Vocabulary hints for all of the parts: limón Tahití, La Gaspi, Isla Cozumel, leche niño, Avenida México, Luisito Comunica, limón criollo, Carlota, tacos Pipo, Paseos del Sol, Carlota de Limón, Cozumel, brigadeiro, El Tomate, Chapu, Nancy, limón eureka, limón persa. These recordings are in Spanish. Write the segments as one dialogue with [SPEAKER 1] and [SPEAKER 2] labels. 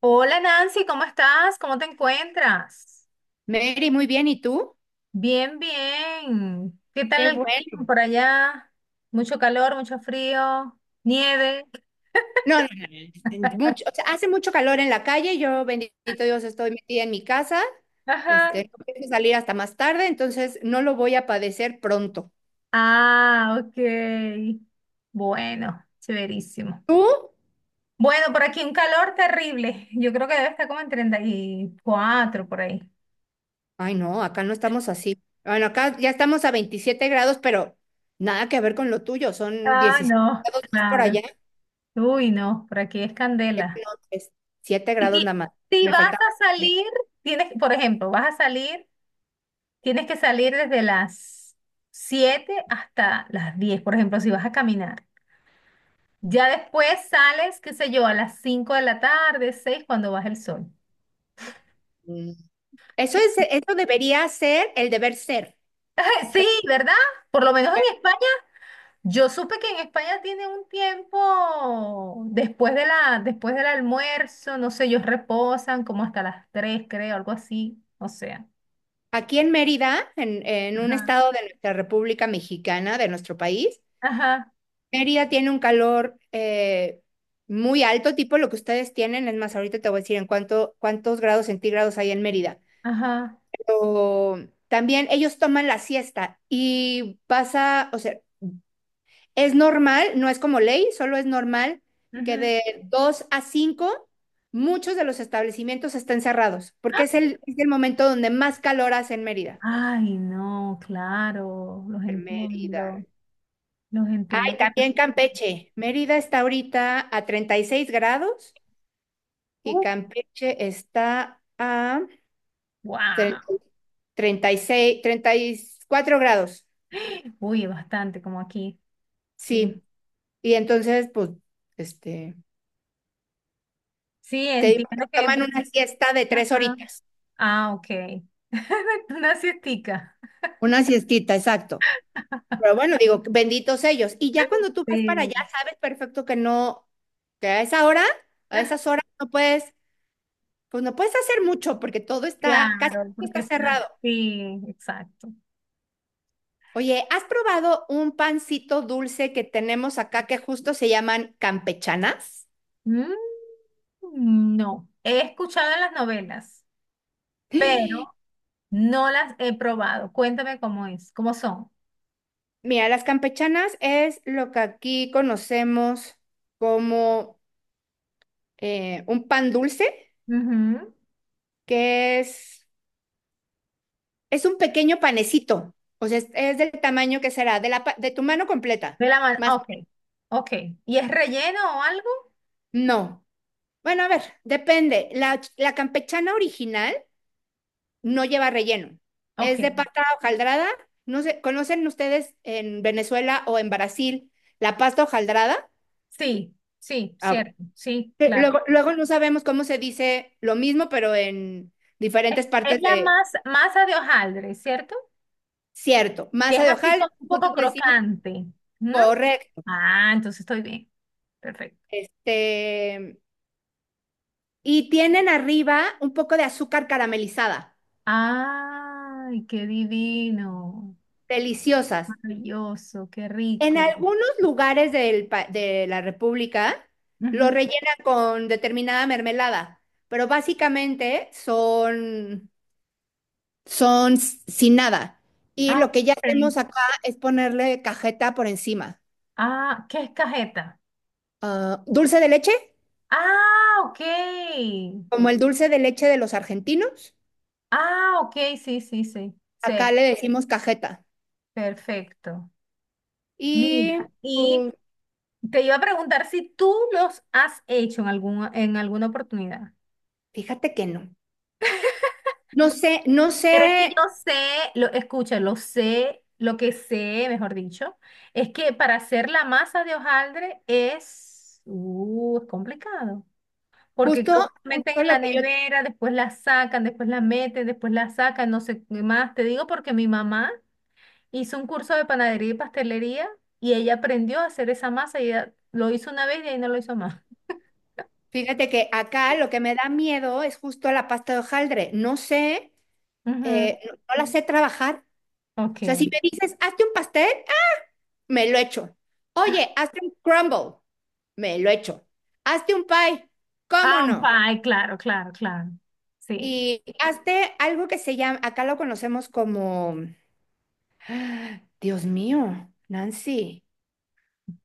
[SPEAKER 1] Hola Nancy, ¿cómo estás? ¿Cómo te encuentras?
[SPEAKER 2] Mary, muy bien, ¿y tú?
[SPEAKER 1] Bien, bien. ¿Qué tal
[SPEAKER 2] Qué
[SPEAKER 1] el clima
[SPEAKER 2] bueno.
[SPEAKER 1] por allá? Mucho calor, mucho frío, nieve.
[SPEAKER 2] No, no, no, mucho, o sea, hace mucho calor en la calle, yo bendito Dios estoy metida en mi casa,
[SPEAKER 1] Ajá.
[SPEAKER 2] no pienso salir hasta más tarde, entonces no lo voy a padecer pronto.
[SPEAKER 1] Ah, ok. Bueno, severísimo.
[SPEAKER 2] ¿Tú?
[SPEAKER 1] Bueno, por aquí un calor terrible. Yo creo que debe estar como en 34 por ahí.
[SPEAKER 2] Ay, no, acá no estamos así. Bueno, acá ya estamos a 27 grados, pero nada que ver con lo tuyo, son
[SPEAKER 1] Ah,
[SPEAKER 2] diecisiete
[SPEAKER 1] no,
[SPEAKER 2] grados más por allá.
[SPEAKER 1] claro. Uy, no, por aquí es
[SPEAKER 2] No,
[SPEAKER 1] candela.
[SPEAKER 2] es 7 grados
[SPEAKER 1] Y
[SPEAKER 2] nada más.
[SPEAKER 1] si
[SPEAKER 2] Me
[SPEAKER 1] vas
[SPEAKER 2] faltaba.
[SPEAKER 1] a
[SPEAKER 2] eh,
[SPEAKER 1] salir, tienes, por ejemplo, vas a salir. Tienes que salir desde las 7 hasta las 10, por ejemplo, si vas a caminar. Ya después sales, qué sé yo, a las 5 de la tarde, 6 cuando baja el sol.
[SPEAKER 2] Mm. Eso
[SPEAKER 1] ¿Qué?
[SPEAKER 2] es, eso debería ser el deber ser.
[SPEAKER 1] Sí, ¿verdad? Por lo menos en España, yo supe que en España tiene un tiempo después del almuerzo, no sé, ellos reposan como hasta las 3, creo, algo así, o sea.
[SPEAKER 2] Aquí en Mérida, en un
[SPEAKER 1] Ajá,
[SPEAKER 2] estado de nuestra República Mexicana, de nuestro país,
[SPEAKER 1] ajá,
[SPEAKER 2] Mérida tiene un calor muy alto, tipo lo que ustedes tienen. Es más, ahorita te voy a decir en cuántos grados centígrados hay en Mérida.
[SPEAKER 1] ajá.
[SPEAKER 2] Pero también ellos toman la siesta y pasa, o sea, es normal, no es como ley, solo es normal que
[SPEAKER 1] Ujú.
[SPEAKER 2] de 2 a 5 muchos de los establecimientos estén cerrados,
[SPEAKER 1] ¡Ah!
[SPEAKER 2] porque es el momento donde más calor hace en Mérida.
[SPEAKER 1] Ay, no, claro, los
[SPEAKER 2] En Mérida.
[SPEAKER 1] entiendo. Los entiendo
[SPEAKER 2] Ay, también
[SPEAKER 1] perfectamente.
[SPEAKER 2] Campeche. Mérida está ahorita a 36 grados y
[SPEAKER 1] Uf,
[SPEAKER 2] Campeche está a tre-
[SPEAKER 1] wow.
[SPEAKER 2] 34 grados.
[SPEAKER 1] Uy, bastante, como aquí. Sí.
[SPEAKER 2] Sí. Y entonces, pues, este,
[SPEAKER 1] Sí,
[SPEAKER 2] te digo que
[SPEAKER 1] entiendo que.
[SPEAKER 2] toman una siesta de tres
[SPEAKER 1] Ajá.
[SPEAKER 2] horitas.
[SPEAKER 1] Ah, ok. Una siestica.
[SPEAKER 2] Una siestita, exacto. Pero bueno, digo, benditos ellos. Y ya cuando tú vas para
[SPEAKER 1] Sí.
[SPEAKER 2] allá, sabes perfecto que no, que a esas horas no puedes, pues no puedes hacer mucho porque casi
[SPEAKER 1] Claro,
[SPEAKER 2] todo
[SPEAKER 1] porque
[SPEAKER 2] está
[SPEAKER 1] está.
[SPEAKER 2] cerrado.
[SPEAKER 1] Sí, exacto.
[SPEAKER 2] Oye, ¿has probado un pancito dulce que tenemos acá que justo se llaman campechanas?
[SPEAKER 1] Mm, no. He escuchado en las novelas, pero no las he probado. Cuéntame cómo es, cómo son.
[SPEAKER 2] Mira, las campechanas es lo que aquí conocemos como un pan dulce,
[SPEAKER 1] Ujú.
[SPEAKER 2] que es un pequeño panecito, o sea, es del tamaño que será, de tu mano completa,
[SPEAKER 1] De la mano.
[SPEAKER 2] más
[SPEAKER 1] Ok. Ok. ¿Y es relleno o algo?
[SPEAKER 2] no. Bueno, a ver, depende. La campechana original no lleva relleno.
[SPEAKER 1] Ok.
[SPEAKER 2] Es de pasta hojaldrada. No sé, ¿conocen ustedes en Venezuela o en Brasil la pasta hojaldrada?
[SPEAKER 1] Sí, sí,
[SPEAKER 2] Ah,
[SPEAKER 1] cierto, sí,
[SPEAKER 2] que
[SPEAKER 1] claro.
[SPEAKER 2] luego, luego no sabemos cómo se dice lo mismo, pero en
[SPEAKER 1] Es,
[SPEAKER 2] diferentes
[SPEAKER 1] es
[SPEAKER 2] partes
[SPEAKER 1] la
[SPEAKER 2] de,
[SPEAKER 1] masa de hojaldre, ¿cierto?
[SPEAKER 2] cierto,
[SPEAKER 1] Que
[SPEAKER 2] masa
[SPEAKER 1] es
[SPEAKER 2] de
[SPEAKER 1] así
[SPEAKER 2] hojaldre,
[SPEAKER 1] como un
[SPEAKER 2] nosotros
[SPEAKER 1] poco
[SPEAKER 2] le decimos
[SPEAKER 1] crocante, ¿no?
[SPEAKER 2] correcto,
[SPEAKER 1] Ah, entonces estoy bien. Perfecto.
[SPEAKER 2] este, y tienen arriba un poco de azúcar caramelizada,
[SPEAKER 1] Ay, qué divino.
[SPEAKER 2] deliciosas.
[SPEAKER 1] Maravilloso, qué
[SPEAKER 2] En
[SPEAKER 1] rico.
[SPEAKER 2] algunos lugares de la República lo
[SPEAKER 1] Ujú.
[SPEAKER 2] rellenan con determinada mermelada, pero básicamente sin nada. Y
[SPEAKER 1] Ah,
[SPEAKER 2] lo que ya
[SPEAKER 1] ok.
[SPEAKER 2] hacemos acá es ponerle cajeta por encima.
[SPEAKER 1] Ah, ¿qué es cajeta?
[SPEAKER 2] Ah, dulce de leche,
[SPEAKER 1] Ah, ok.
[SPEAKER 2] como el dulce de leche de los argentinos,
[SPEAKER 1] Ah, ok, sí, sí, sí. Sí,
[SPEAKER 2] acá le decimos cajeta.
[SPEAKER 1] perfecto.
[SPEAKER 2] Y
[SPEAKER 1] Mira, y
[SPEAKER 2] pues,
[SPEAKER 1] te iba a preguntar si tú los has hecho en alguna oportunidad.
[SPEAKER 2] fíjate que no. No sé, no sé,
[SPEAKER 1] Pero es que yo sé, lo, escucha, lo sé, lo que sé, mejor dicho, es que para hacer la masa de hojaldre es complicado. Porque
[SPEAKER 2] justo,
[SPEAKER 1] creo que la meten
[SPEAKER 2] justo
[SPEAKER 1] en
[SPEAKER 2] lo
[SPEAKER 1] la
[SPEAKER 2] que yo.
[SPEAKER 1] nevera, después la sacan, después la meten, después la sacan, no sé qué más. Te digo porque mi mamá hizo un curso de panadería y pastelería y ella aprendió a hacer esa masa y ella lo hizo una vez y ahí no lo hizo más.
[SPEAKER 2] Fíjate que acá lo que me da miedo es justo la pasta de hojaldre. No sé,
[SPEAKER 1] Ujú,
[SPEAKER 2] no, no la sé trabajar.
[SPEAKER 1] ok.
[SPEAKER 2] O sea, si me dices, hazte un pastel, ah, me lo echo. Oye, hazte un crumble, me lo echo. Hazte un pie, ¿cómo
[SPEAKER 1] Ah, un
[SPEAKER 2] no?
[SPEAKER 1] pie, claro, claro, claro. Sí.
[SPEAKER 2] Y hazte algo que se llama, acá lo conocemos como, ah, Dios mío, Nancy,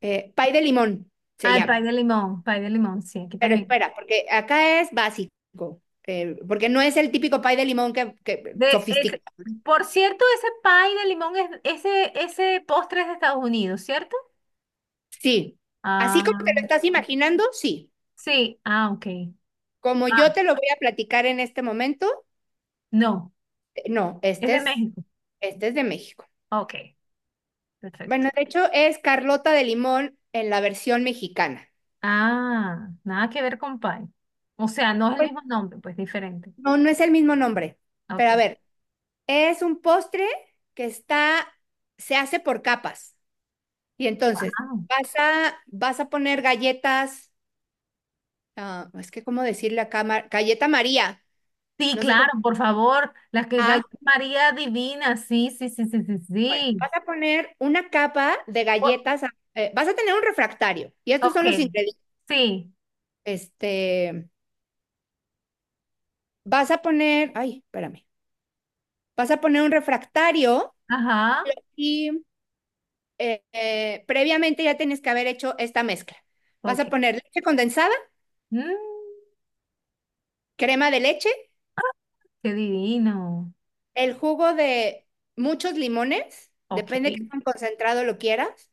[SPEAKER 2] pie de limón se
[SPEAKER 1] Ah, el
[SPEAKER 2] llama.
[SPEAKER 1] pie de limón, sí, aquí
[SPEAKER 2] Pero
[SPEAKER 1] también.
[SPEAKER 2] espera, porque acá es básico, porque no es el típico pie de limón
[SPEAKER 1] De ese-
[SPEAKER 2] sofisticado.
[SPEAKER 1] por cierto, ese pie de limón ese postre es de Estados Unidos, ¿cierto?
[SPEAKER 2] Sí, así como te lo
[SPEAKER 1] Ah,
[SPEAKER 2] estás imaginando, sí.
[SPEAKER 1] sí, ah, ok.
[SPEAKER 2] Como yo
[SPEAKER 1] Ah,
[SPEAKER 2] te lo voy a platicar en este momento,
[SPEAKER 1] no,
[SPEAKER 2] no,
[SPEAKER 1] es
[SPEAKER 2] este
[SPEAKER 1] de
[SPEAKER 2] es,
[SPEAKER 1] México.
[SPEAKER 2] este es de México.
[SPEAKER 1] Ok, perfecto.
[SPEAKER 2] Bueno, de hecho es Carlota de Limón en la versión mexicana.
[SPEAKER 1] Ah, nada que ver con pie. O sea, no es el
[SPEAKER 2] Pues
[SPEAKER 1] mismo nombre, pues diferente.
[SPEAKER 2] no, no es el mismo nombre,
[SPEAKER 1] Ok.
[SPEAKER 2] pero a ver, es un postre que está, se hace por capas. Y entonces,
[SPEAKER 1] Ah,
[SPEAKER 2] vas a poner galletas, ah, es que cómo decirle acá, Mar, galleta María,
[SPEAKER 1] sí,
[SPEAKER 2] no sé
[SPEAKER 1] claro,
[SPEAKER 2] cómo,
[SPEAKER 1] por favor. Las que
[SPEAKER 2] ah,
[SPEAKER 1] galletas María Divina, sí, sí, sí, sí, sí,
[SPEAKER 2] bueno,
[SPEAKER 1] sí.
[SPEAKER 2] vas a poner una capa de
[SPEAKER 1] O-
[SPEAKER 2] galletas, vas a tener un refractario y estos
[SPEAKER 1] Ok,
[SPEAKER 2] son los ingredientes.
[SPEAKER 1] sí,
[SPEAKER 2] Este, Vas a poner, ay, espérame, vas a poner un refractario
[SPEAKER 1] ajá,
[SPEAKER 2] y previamente ya tienes que haber hecho esta mezcla. Vas
[SPEAKER 1] ok.
[SPEAKER 2] a poner leche condensada,
[SPEAKER 1] Mm,
[SPEAKER 2] crema de leche,
[SPEAKER 1] qué divino.
[SPEAKER 2] el jugo de muchos limones,
[SPEAKER 1] Ok,
[SPEAKER 2] depende de qué tan concentrado lo quieras.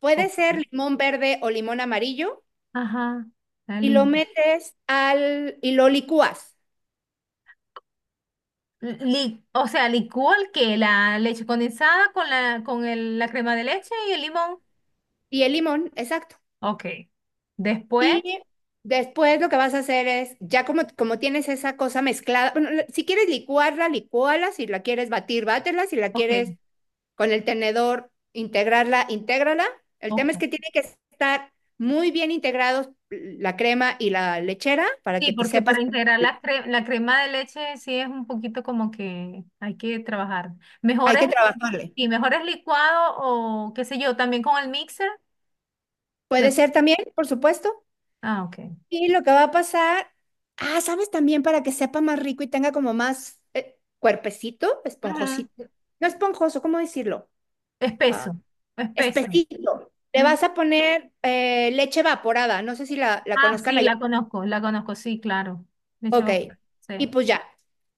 [SPEAKER 2] Puede
[SPEAKER 1] ok,
[SPEAKER 2] ser limón verde o limón amarillo
[SPEAKER 1] ajá, la
[SPEAKER 2] y lo
[SPEAKER 1] lima.
[SPEAKER 2] metes al y lo licúas.
[SPEAKER 1] O sea, licúa el que la leche condensada con la con el- la crema de leche y el limón.
[SPEAKER 2] Y el limón, exacto.
[SPEAKER 1] Ok. Después,
[SPEAKER 2] Y después lo que vas a hacer es, ya como tienes esa cosa mezclada, bueno, si quieres licuarla, licúala, si la quieres batir, bátela, si la
[SPEAKER 1] ok,
[SPEAKER 2] quieres con el tenedor integrarla, intégrala. El tema
[SPEAKER 1] ok.
[SPEAKER 2] es que tiene que estar muy bien integrados la crema y la lechera para
[SPEAKER 1] Sí,
[SPEAKER 2] que te
[SPEAKER 1] porque
[SPEAKER 2] sepas,
[SPEAKER 1] para integrar la crema de leche sí es un poquito como que hay que trabajar. Mejor
[SPEAKER 2] hay
[SPEAKER 1] es,
[SPEAKER 2] que trabajarle.
[SPEAKER 1] sí, mejor es licuado o qué sé yo, también con el mixer.
[SPEAKER 2] Puede
[SPEAKER 1] se-
[SPEAKER 2] ser también, por supuesto.
[SPEAKER 1] Ah, ok.
[SPEAKER 2] Y lo que va a pasar, ah, ¿sabes también para que sepa más rico y tenga como más cuerpecito,
[SPEAKER 1] Ujú.
[SPEAKER 2] esponjosito? No esponjoso, ¿cómo decirlo? Ah,
[SPEAKER 1] Espeso, espeso.
[SPEAKER 2] espesito. Le
[SPEAKER 1] Ujú.
[SPEAKER 2] vas a poner leche evaporada, no sé si la
[SPEAKER 1] Ah,
[SPEAKER 2] conozcan
[SPEAKER 1] sí,
[SPEAKER 2] allá.
[SPEAKER 1] la conozco, sí, claro. De
[SPEAKER 2] Ok,
[SPEAKER 1] hecho,
[SPEAKER 2] y
[SPEAKER 1] sí.
[SPEAKER 2] pues ya.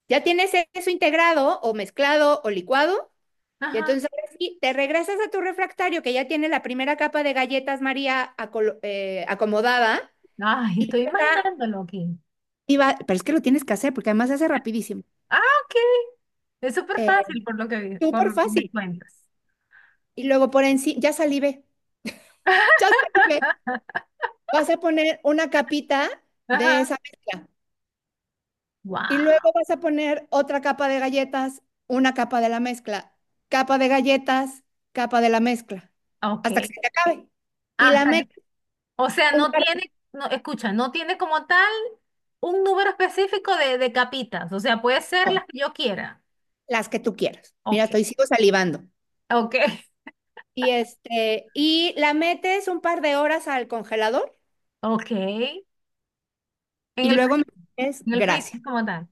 [SPEAKER 2] Ya tienes eso integrado o mezclado o licuado, y
[SPEAKER 1] Ajá.
[SPEAKER 2] entonces ahora sí, te regresas a tu refractario que ya tiene la primera capa de galletas María acomodada,
[SPEAKER 1] Ay,
[SPEAKER 2] y
[SPEAKER 1] estoy
[SPEAKER 2] va,
[SPEAKER 1] imaginándolo aquí.
[SPEAKER 2] pero es que lo tienes que hacer porque además se hace rapidísimo.
[SPEAKER 1] Ah, ok. Es súper
[SPEAKER 2] Eh,
[SPEAKER 1] fácil por
[SPEAKER 2] Súper
[SPEAKER 1] lo que me
[SPEAKER 2] fácil.
[SPEAKER 1] cuentas.
[SPEAKER 2] Y luego por encima, ya salivé, vas a poner una capita de
[SPEAKER 1] Ajá.
[SPEAKER 2] esa mezcla. Y luego
[SPEAKER 1] Wow.
[SPEAKER 2] vas a poner otra capa de galletas, una capa de la mezcla, capa de galletas, capa de la mezcla, hasta que
[SPEAKER 1] Ok.
[SPEAKER 2] se te acabe. Y la
[SPEAKER 1] Hasta que,
[SPEAKER 2] metes
[SPEAKER 1] o sea,
[SPEAKER 2] un
[SPEAKER 1] no
[SPEAKER 2] par de-
[SPEAKER 1] tiene, no, escucha, no tiene como tal un número específico de capitas. O sea, puede ser
[SPEAKER 2] no,
[SPEAKER 1] las que yo quiera.
[SPEAKER 2] las que tú quieras. Mira,
[SPEAKER 1] Ok.
[SPEAKER 2] estoy sigo salivando.
[SPEAKER 1] Ok.
[SPEAKER 2] Y y la metes un par de horas al congelador
[SPEAKER 1] Ok. En
[SPEAKER 2] y
[SPEAKER 1] el
[SPEAKER 2] luego
[SPEAKER 1] frío.
[SPEAKER 2] es
[SPEAKER 1] En el
[SPEAKER 2] gracia.
[SPEAKER 1] freezer como tal.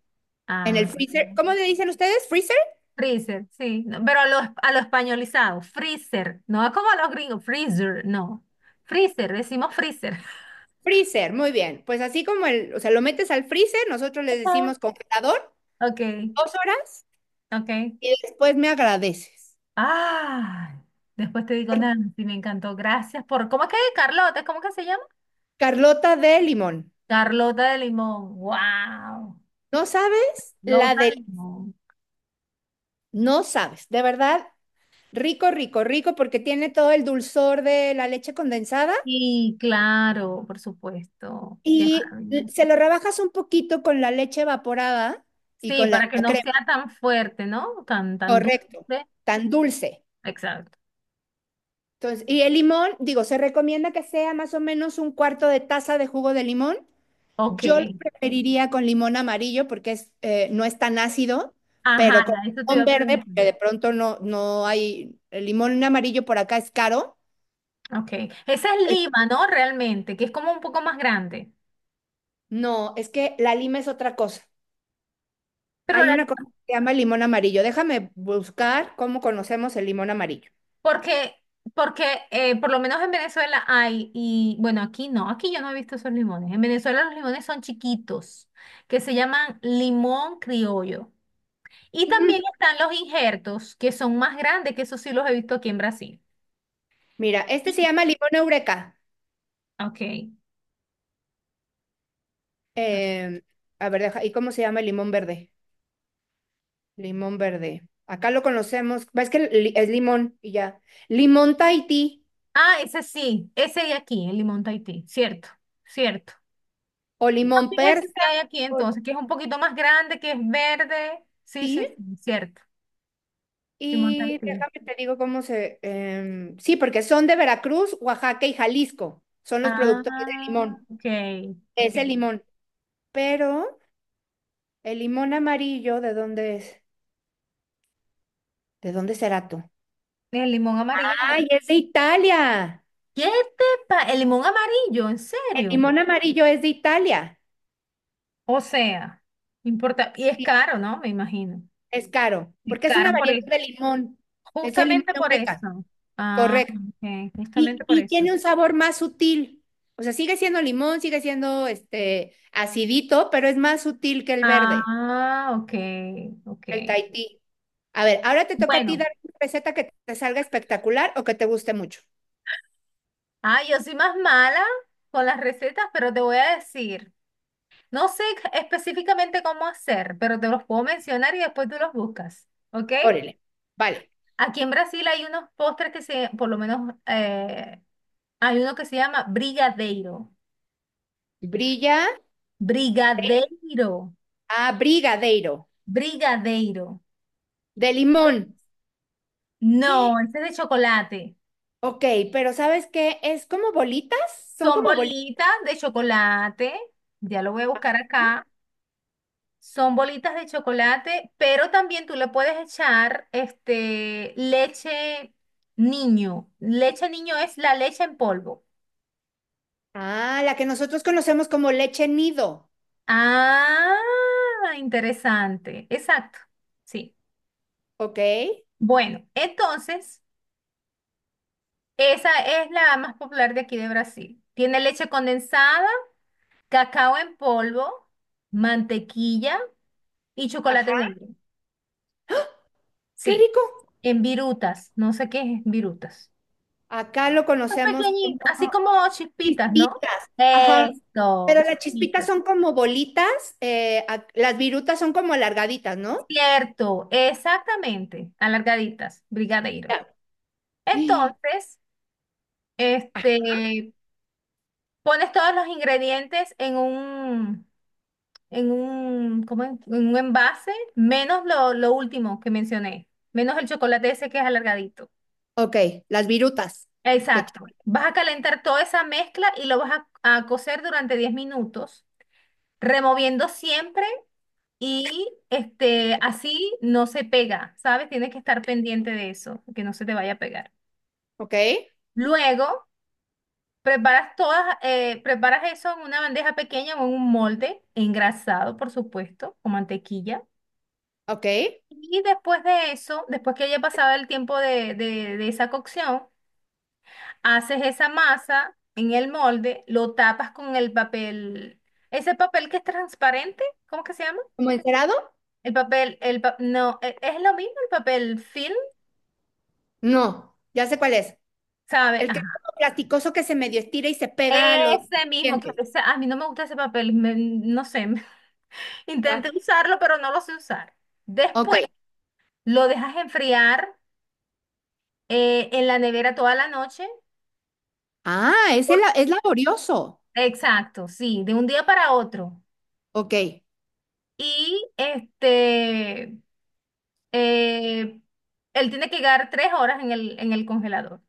[SPEAKER 2] En
[SPEAKER 1] Ah,
[SPEAKER 2] el freezer, ¿cómo le dicen ustedes? ¿Freezer?
[SPEAKER 1] freezer, sí. No, pero a lo españolizado, freezer. No es como a los gringos, freezer, no. Freezer, decimos freezer.
[SPEAKER 2] Freezer, muy bien. Pues así como o sea, lo metes al freezer, nosotros les
[SPEAKER 1] Ah,
[SPEAKER 2] decimos congelador,
[SPEAKER 1] ok,
[SPEAKER 2] 2 horas
[SPEAKER 1] ok.
[SPEAKER 2] y después me agradeces.
[SPEAKER 1] Ah, después te digo,
[SPEAKER 2] Porque
[SPEAKER 1] Nancy, me encantó. Gracias por. ¿Cómo es que es? ¿Carlota? ¿Cómo que se llama?
[SPEAKER 2] Carlota de limón.
[SPEAKER 1] Carlota de limón. ¡Wow!
[SPEAKER 2] ¿No sabes? La
[SPEAKER 1] Lota
[SPEAKER 2] de...
[SPEAKER 1] de limón.
[SPEAKER 2] No sabes, de verdad, rico, rico, rico, porque tiene todo el dulzor de la leche condensada
[SPEAKER 1] Sí, claro, por supuesto. Qué
[SPEAKER 2] y
[SPEAKER 1] maravilla.
[SPEAKER 2] se lo rebajas un poquito con la leche evaporada y
[SPEAKER 1] Sí,
[SPEAKER 2] con la
[SPEAKER 1] para que no
[SPEAKER 2] crema,
[SPEAKER 1] sea tan fuerte, ¿no? Tan, tan dulce.
[SPEAKER 2] correcto, tan dulce.
[SPEAKER 1] Exacto.
[SPEAKER 2] Entonces, y el limón, digo, se recomienda que sea más o menos un cuarto de taza de jugo de limón.
[SPEAKER 1] Ok,
[SPEAKER 2] Yo lo preferiría con limón amarillo porque no es tan ácido,
[SPEAKER 1] ajá,
[SPEAKER 2] pero con
[SPEAKER 1] ya, eso te iba
[SPEAKER 2] limón
[SPEAKER 1] a
[SPEAKER 2] verde,
[SPEAKER 1] preguntar.
[SPEAKER 2] porque de pronto no, no hay, el limón amarillo por acá es caro.
[SPEAKER 1] Ok, esa es
[SPEAKER 2] Eh,
[SPEAKER 1] Lima, ¿no? Realmente, que es como un poco más grande.
[SPEAKER 2] No, es que la lima es otra cosa.
[SPEAKER 1] Pero
[SPEAKER 2] Hay
[SPEAKER 1] la-
[SPEAKER 2] una cosa que se llama limón amarillo. Déjame buscar cómo conocemos el limón amarillo.
[SPEAKER 1] porque, porque por lo menos en Venezuela hay, y bueno, aquí no, aquí yo no he visto esos limones. En Venezuela los limones son chiquitos, que se llaman limón criollo. Y también
[SPEAKER 2] Ujú.
[SPEAKER 1] están los injertos, que son más grandes, que esos sí los he visto aquí en Brasil.
[SPEAKER 2] Mira, este
[SPEAKER 1] Y-
[SPEAKER 2] se llama limón eureka.
[SPEAKER 1] Ok.
[SPEAKER 2] Eh, a ver, deja, ¿y cómo se llama el limón verde? Limón verde. Acá lo conocemos, ves que es limón y ya. Limón Tahití.
[SPEAKER 1] Ah, ese sí, ese de aquí, el limón Tahití, cierto, cierto.
[SPEAKER 2] O limón
[SPEAKER 1] ¿Qué es ese que
[SPEAKER 2] persa,
[SPEAKER 1] hay aquí
[SPEAKER 2] Ol-
[SPEAKER 1] entonces, que es un poquito más grande, que es verde? Sí, sí, sí,
[SPEAKER 2] sí.
[SPEAKER 1] cierto. Limón
[SPEAKER 2] Y
[SPEAKER 1] tartí.
[SPEAKER 2] déjame te digo sí, porque son de Veracruz, Oaxaca y Jalisco. Son los productores de
[SPEAKER 1] Ah,
[SPEAKER 2] limón.
[SPEAKER 1] ok,
[SPEAKER 2] Es
[SPEAKER 1] ok.
[SPEAKER 2] el limón. Pero el limón amarillo, ¿de dónde es? ¿De dónde será tú?
[SPEAKER 1] El limón amarillo.
[SPEAKER 2] ¡Ay, es de Italia!
[SPEAKER 1] ¿Qué El limón amarillo, ¿en
[SPEAKER 2] El
[SPEAKER 1] serio?
[SPEAKER 2] limón amarillo es de Italia.
[SPEAKER 1] O sea, no importa. Y es
[SPEAKER 2] Sí,
[SPEAKER 1] caro, ¿no? Me imagino.
[SPEAKER 2] es caro,
[SPEAKER 1] Es
[SPEAKER 2] porque es una
[SPEAKER 1] caro por
[SPEAKER 2] variedad
[SPEAKER 1] e-
[SPEAKER 2] de limón. Es el limón
[SPEAKER 1] Justamente por
[SPEAKER 2] eureka.
[SPEAKER 1] eso. Ah,
[SPEAKER 2] Correcto.
[SPEAKER 1] ok, justamente
[SPEAKER 2] Y,
[SPEAKER 1] por
[SPEAKER 2] y
[SPEAKER 1] eso.
[SPEAKER 2] tiene un sabor más sutil. O sea, sigue siendo limón, sigue siendo este acidito, pero es más sutil que el verde,
[SPEAKER 1] Ah, ok, ok.
[SPEAKER 2] el Tahití. A ver, ahora te toca a ti
[SPEAKER 1] Bueno,
[SPEAKER 2] dar una receta que te salga espectacular o que te guste mucho.
[SPEAKER 1] yo soy más mala con las recetas, pero te voy a decir. No sé específicamente cómo hacer, pero te los puedo mencionar y después tú los buscas, ¿ok?
[SPEAKER 2] Órale. Vale.
[SPEAKER 1] Aquí en Brasil hay unos postres por lo menos, hay uno que se llama brigadeiro.
[SPEAKER 2] Brilla
[SPEAKER 1] Brigadeiro.
[SPEAKER 2] a brigadeiro
[SPEAKER 1] Brigadeiro.
[SPEAKER 2] de limón.
[SPEAKER 1] No, ese es de chocolate.
[SPEAKER 2] Ok, pero ¿sabes qué? Es como bolitas, son
[SPEAKER 1] Son
[SPEAKER 2] como bolitas.
[SPEAKER 1] bolitas de chocolate. Ya lo voy a buscar acá. Son bolitas de chocolate, pero también tú le puedes echar este leche niño. Leche niño es la leche en polvo.
[SPEAKER 2] Ah, la que nosotros conocemos como leche nido.
[SPEAKER 1] Ah, interesante. Exacto. Sí.
[SPEAKER 2] Ok.
[SPEAKER 1] Bueno, entonces, esa es la más popular de aquí de Brasil. Tiene leche condensada, cacao en polvo, mantequilla y chocolate
[SPEAKER 2] Ajá.
[SPEAKER 1] negro.
[SPEAKER 2] Qué
[SPEAKER 1] Sí.
[SPEAKER 2] rico.
[SPEAKER 1] En virutas. No sé qué es virutas.
[SPEAKER 2] Acá lo conocemos como.
[SPEAKER 1] Pequeñitas, así como chispitas, ¿no?
[SPEAKER 2] Chispitas, ajá.
[SPEAKER 1] Esto,
[SPEAKER 2] Pero las chispitas
[SPEAKER 1] chispitas.
[SPEAKER 2] son como bolitas, las virutas son como alargaditas, ¿no?
[SPEAKER 1] Cierto, exactamente, alargaditas, brigadeiro.
[SPEAKER 2] Ya.
[SPEAKER 1] Entonces,
[SPEAKER 2] Ah,
[SPEAKER 1] este, pones todos los ingredientes ¿cómo es? En un envase, menos lo último que mencioné, menos el chocolate ese que es alargadito.
[SPEAKER 2] ok, las virutas. de chi-
[SPEAKER 1] Exacto. Vas a calentar toda esa mezcla y lo vas a cocer durante 10 minutos, removiendo siempre. Y este, así no se pega, ¿sabes? Tienes que estar pendiente de eso, que no se te vaya a pegar.
[SPEAKER 2] ok,
[SPEAKER 1] Luego, preparas eso en una bandeja pequeña o en un molde, engrasado, por supuesto, con mantequilla.
[SPEAKER 2] ok.
[SPEAKER 1] Y después de eso, después que haya pasado el tiempo de esa cocción, haces esa masa en el molde, lo tapas con el papel, ese papel que es transparente, ¿cómo que se llama?
[SPEAKER 2] ¿Como encerado?
[SPEAKER 1] El papel, el pa- no, e- es lo mismo el papel film,
[SPEAKER 2] No, ya sé cuál es.
[SPEAKER 1] ¿sabe?
[SPEAKER 2] El que es como plasticoso que se medio estira y se pega a los
[SPEAKER 1] Ese mismo,
[SPEAKER 2] dientes.
[SPEAKER 1] a mí no me gusta ese papel, no sé,
[SPEAKER 2] Ya.
[SPEAKER 1] intenté usarlo, pero no lo sé usar.
[SPEAKER 2] Ok.
[SPEAKER 1] Después lo dejas enfriar en la nevera toda la noche.
[SPEAKER 2] Ah, ese
[SPEAKER 1] Por-
[SPEAKER 2] es laborioso.
[SPEAKER 1] Exacto, sí, de un día para otro.
[SPEAKER 2] Ok.
[SPEAKER 1] Y eh, él tiene que quedar 3 horas en el congelador.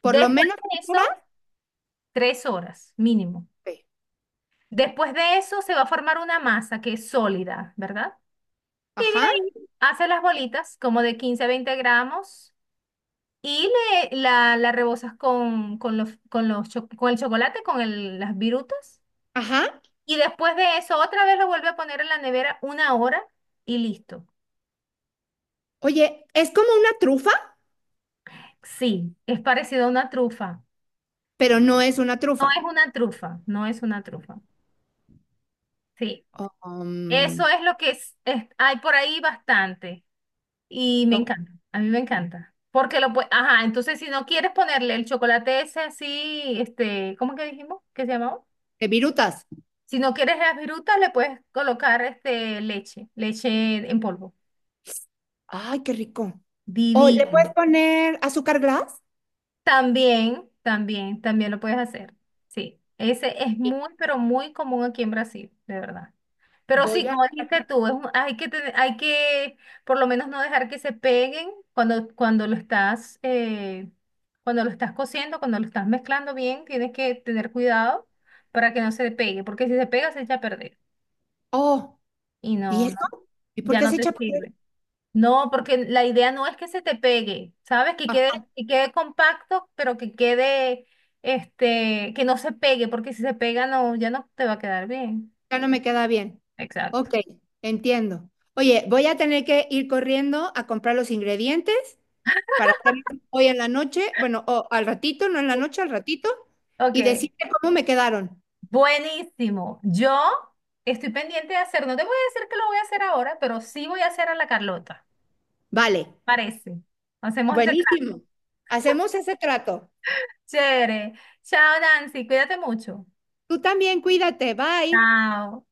[SPEAKER 2] Por lo
[SPEAKER 1] Después
[SPEAKER 2] menos
[SPEAKER 1] de
[SPEAKER 2] ahora.
[SPEAKER 1] eso, 3 horas mínimo.
[SPEAKER 2] Ok.
[SPEAKER 1] Después de eso se va a formar una masa que es sólida, ¿verdad? Y de
[SPEAKER 2] Ajá,
[SPEAKER 1] ahí haces las bolitas como de 15 a 20 gramos y la rebozas con el chocolate, las virutas.
[SPEAKER 2] ajá.
[SPEAKER 1] Y después de eso, otra vez lo vuelve a poner en la nevera una hora y listo.
[SPEAKER 2] Oye, es como una trufa,
[SPEAKER 1] Sí, es parecido a una trufa.
[SPEAKER 2] pero no es una
[SPEAKER 1] No
[SPEAKER 2] trufa.
[SPEAKER 1] es una trufa, no es una trufa. Sí,
[SPEAKER 2] Um,
[SPEAKER 1] eso es lo que hay por ahí bastante. Y me
[SPEAKER 2] no,
[SPEAKER 1] encanta, a mí me encanta. Porque lo puedes, ajá, entonces si no quieres ponerle el chocolate ese así, ¿cómo que dijimos? ¿Qué se llamaba?
[SPEAKER 2] virutas.
[SPEAKER 1] Si no quieres las virutas, le puedes colocar este leche en polvo.
[SPEAKER 2] Ay, qué rico. O le puedes
[SPEAKER 1] Divino.
[SPEAKER 2] poner azúcar glass.
[SPEAKER 1] También, también, también lo puedes hacer. Sí, ese es muy, pero muy común aquí en Brasil, de verdad. Pero sí,
[SPEAKER 2] Voy a.
[SPEAKER 1] como dijiste tú, hay que, hay que por lo menos no dejar que se peguen cuando cuando lo estás cociendo, cuando lo estás mezclando bien, tienes que tener cuidado para que no se pegue, porque si se pega se echa a perder
[SPEAKER 2] Oh,
[SPEAKER 1] y
[SPEAKER 2] ¿y
[SPEAKER 1] no, no,
[SPEAKER 2] eso? ¿Y por
[SPEAKER 1] ya
[SPEAKER 2] qué
[SPEAKER 1] no
[SPEAKER 2] se echa
[SPEAKER 1] te
[SPEAKER 2] a perder?
[SPEAKER 1] sirve. No, porque la idea no es que se te pegue, ¿sabes? Que quede,
[SPEAKER 2] Ajá,
[SPEAKER 1] que quede compacto, pero que no se pegue, porque si se pega no, ya no te va a quedar bien.
[SPEAKER 2] ya no me queda bien.
[SPEAKER 1] Exacto.
[SPEAKER 2] Ok, entiendo. Oye, voy a tener que ir corriendo a comprar los ingredientes para hacer hoy en la noche, bueno, o al ratito, no en la noche, al ratito, y
[SPEAKER 1] Ok.
[SPEAKER 2] decirte cómo me quedaron.
[SPEAKER 1] Buenísimo. Yo estoy pendiente de hacer, no te voy a decir que lo voy a hacer ahora, pero sí voy a hacer a la Carlota.
[SPEAKER 2] Vale,
[SPEAKER 1] Parece. Hacemos ese
[SPEAKER 2] buenísimo.
[SPEAKER 1] trato.
[SPEAKER 2] Hacemos ese trato.
[SPEAKER 1] Chévere. Chao, Nancy. Cuídate mucho.
[SPEAKER 2] Tú también, cuídate. Bye.
[SPEAKER 1] Chao.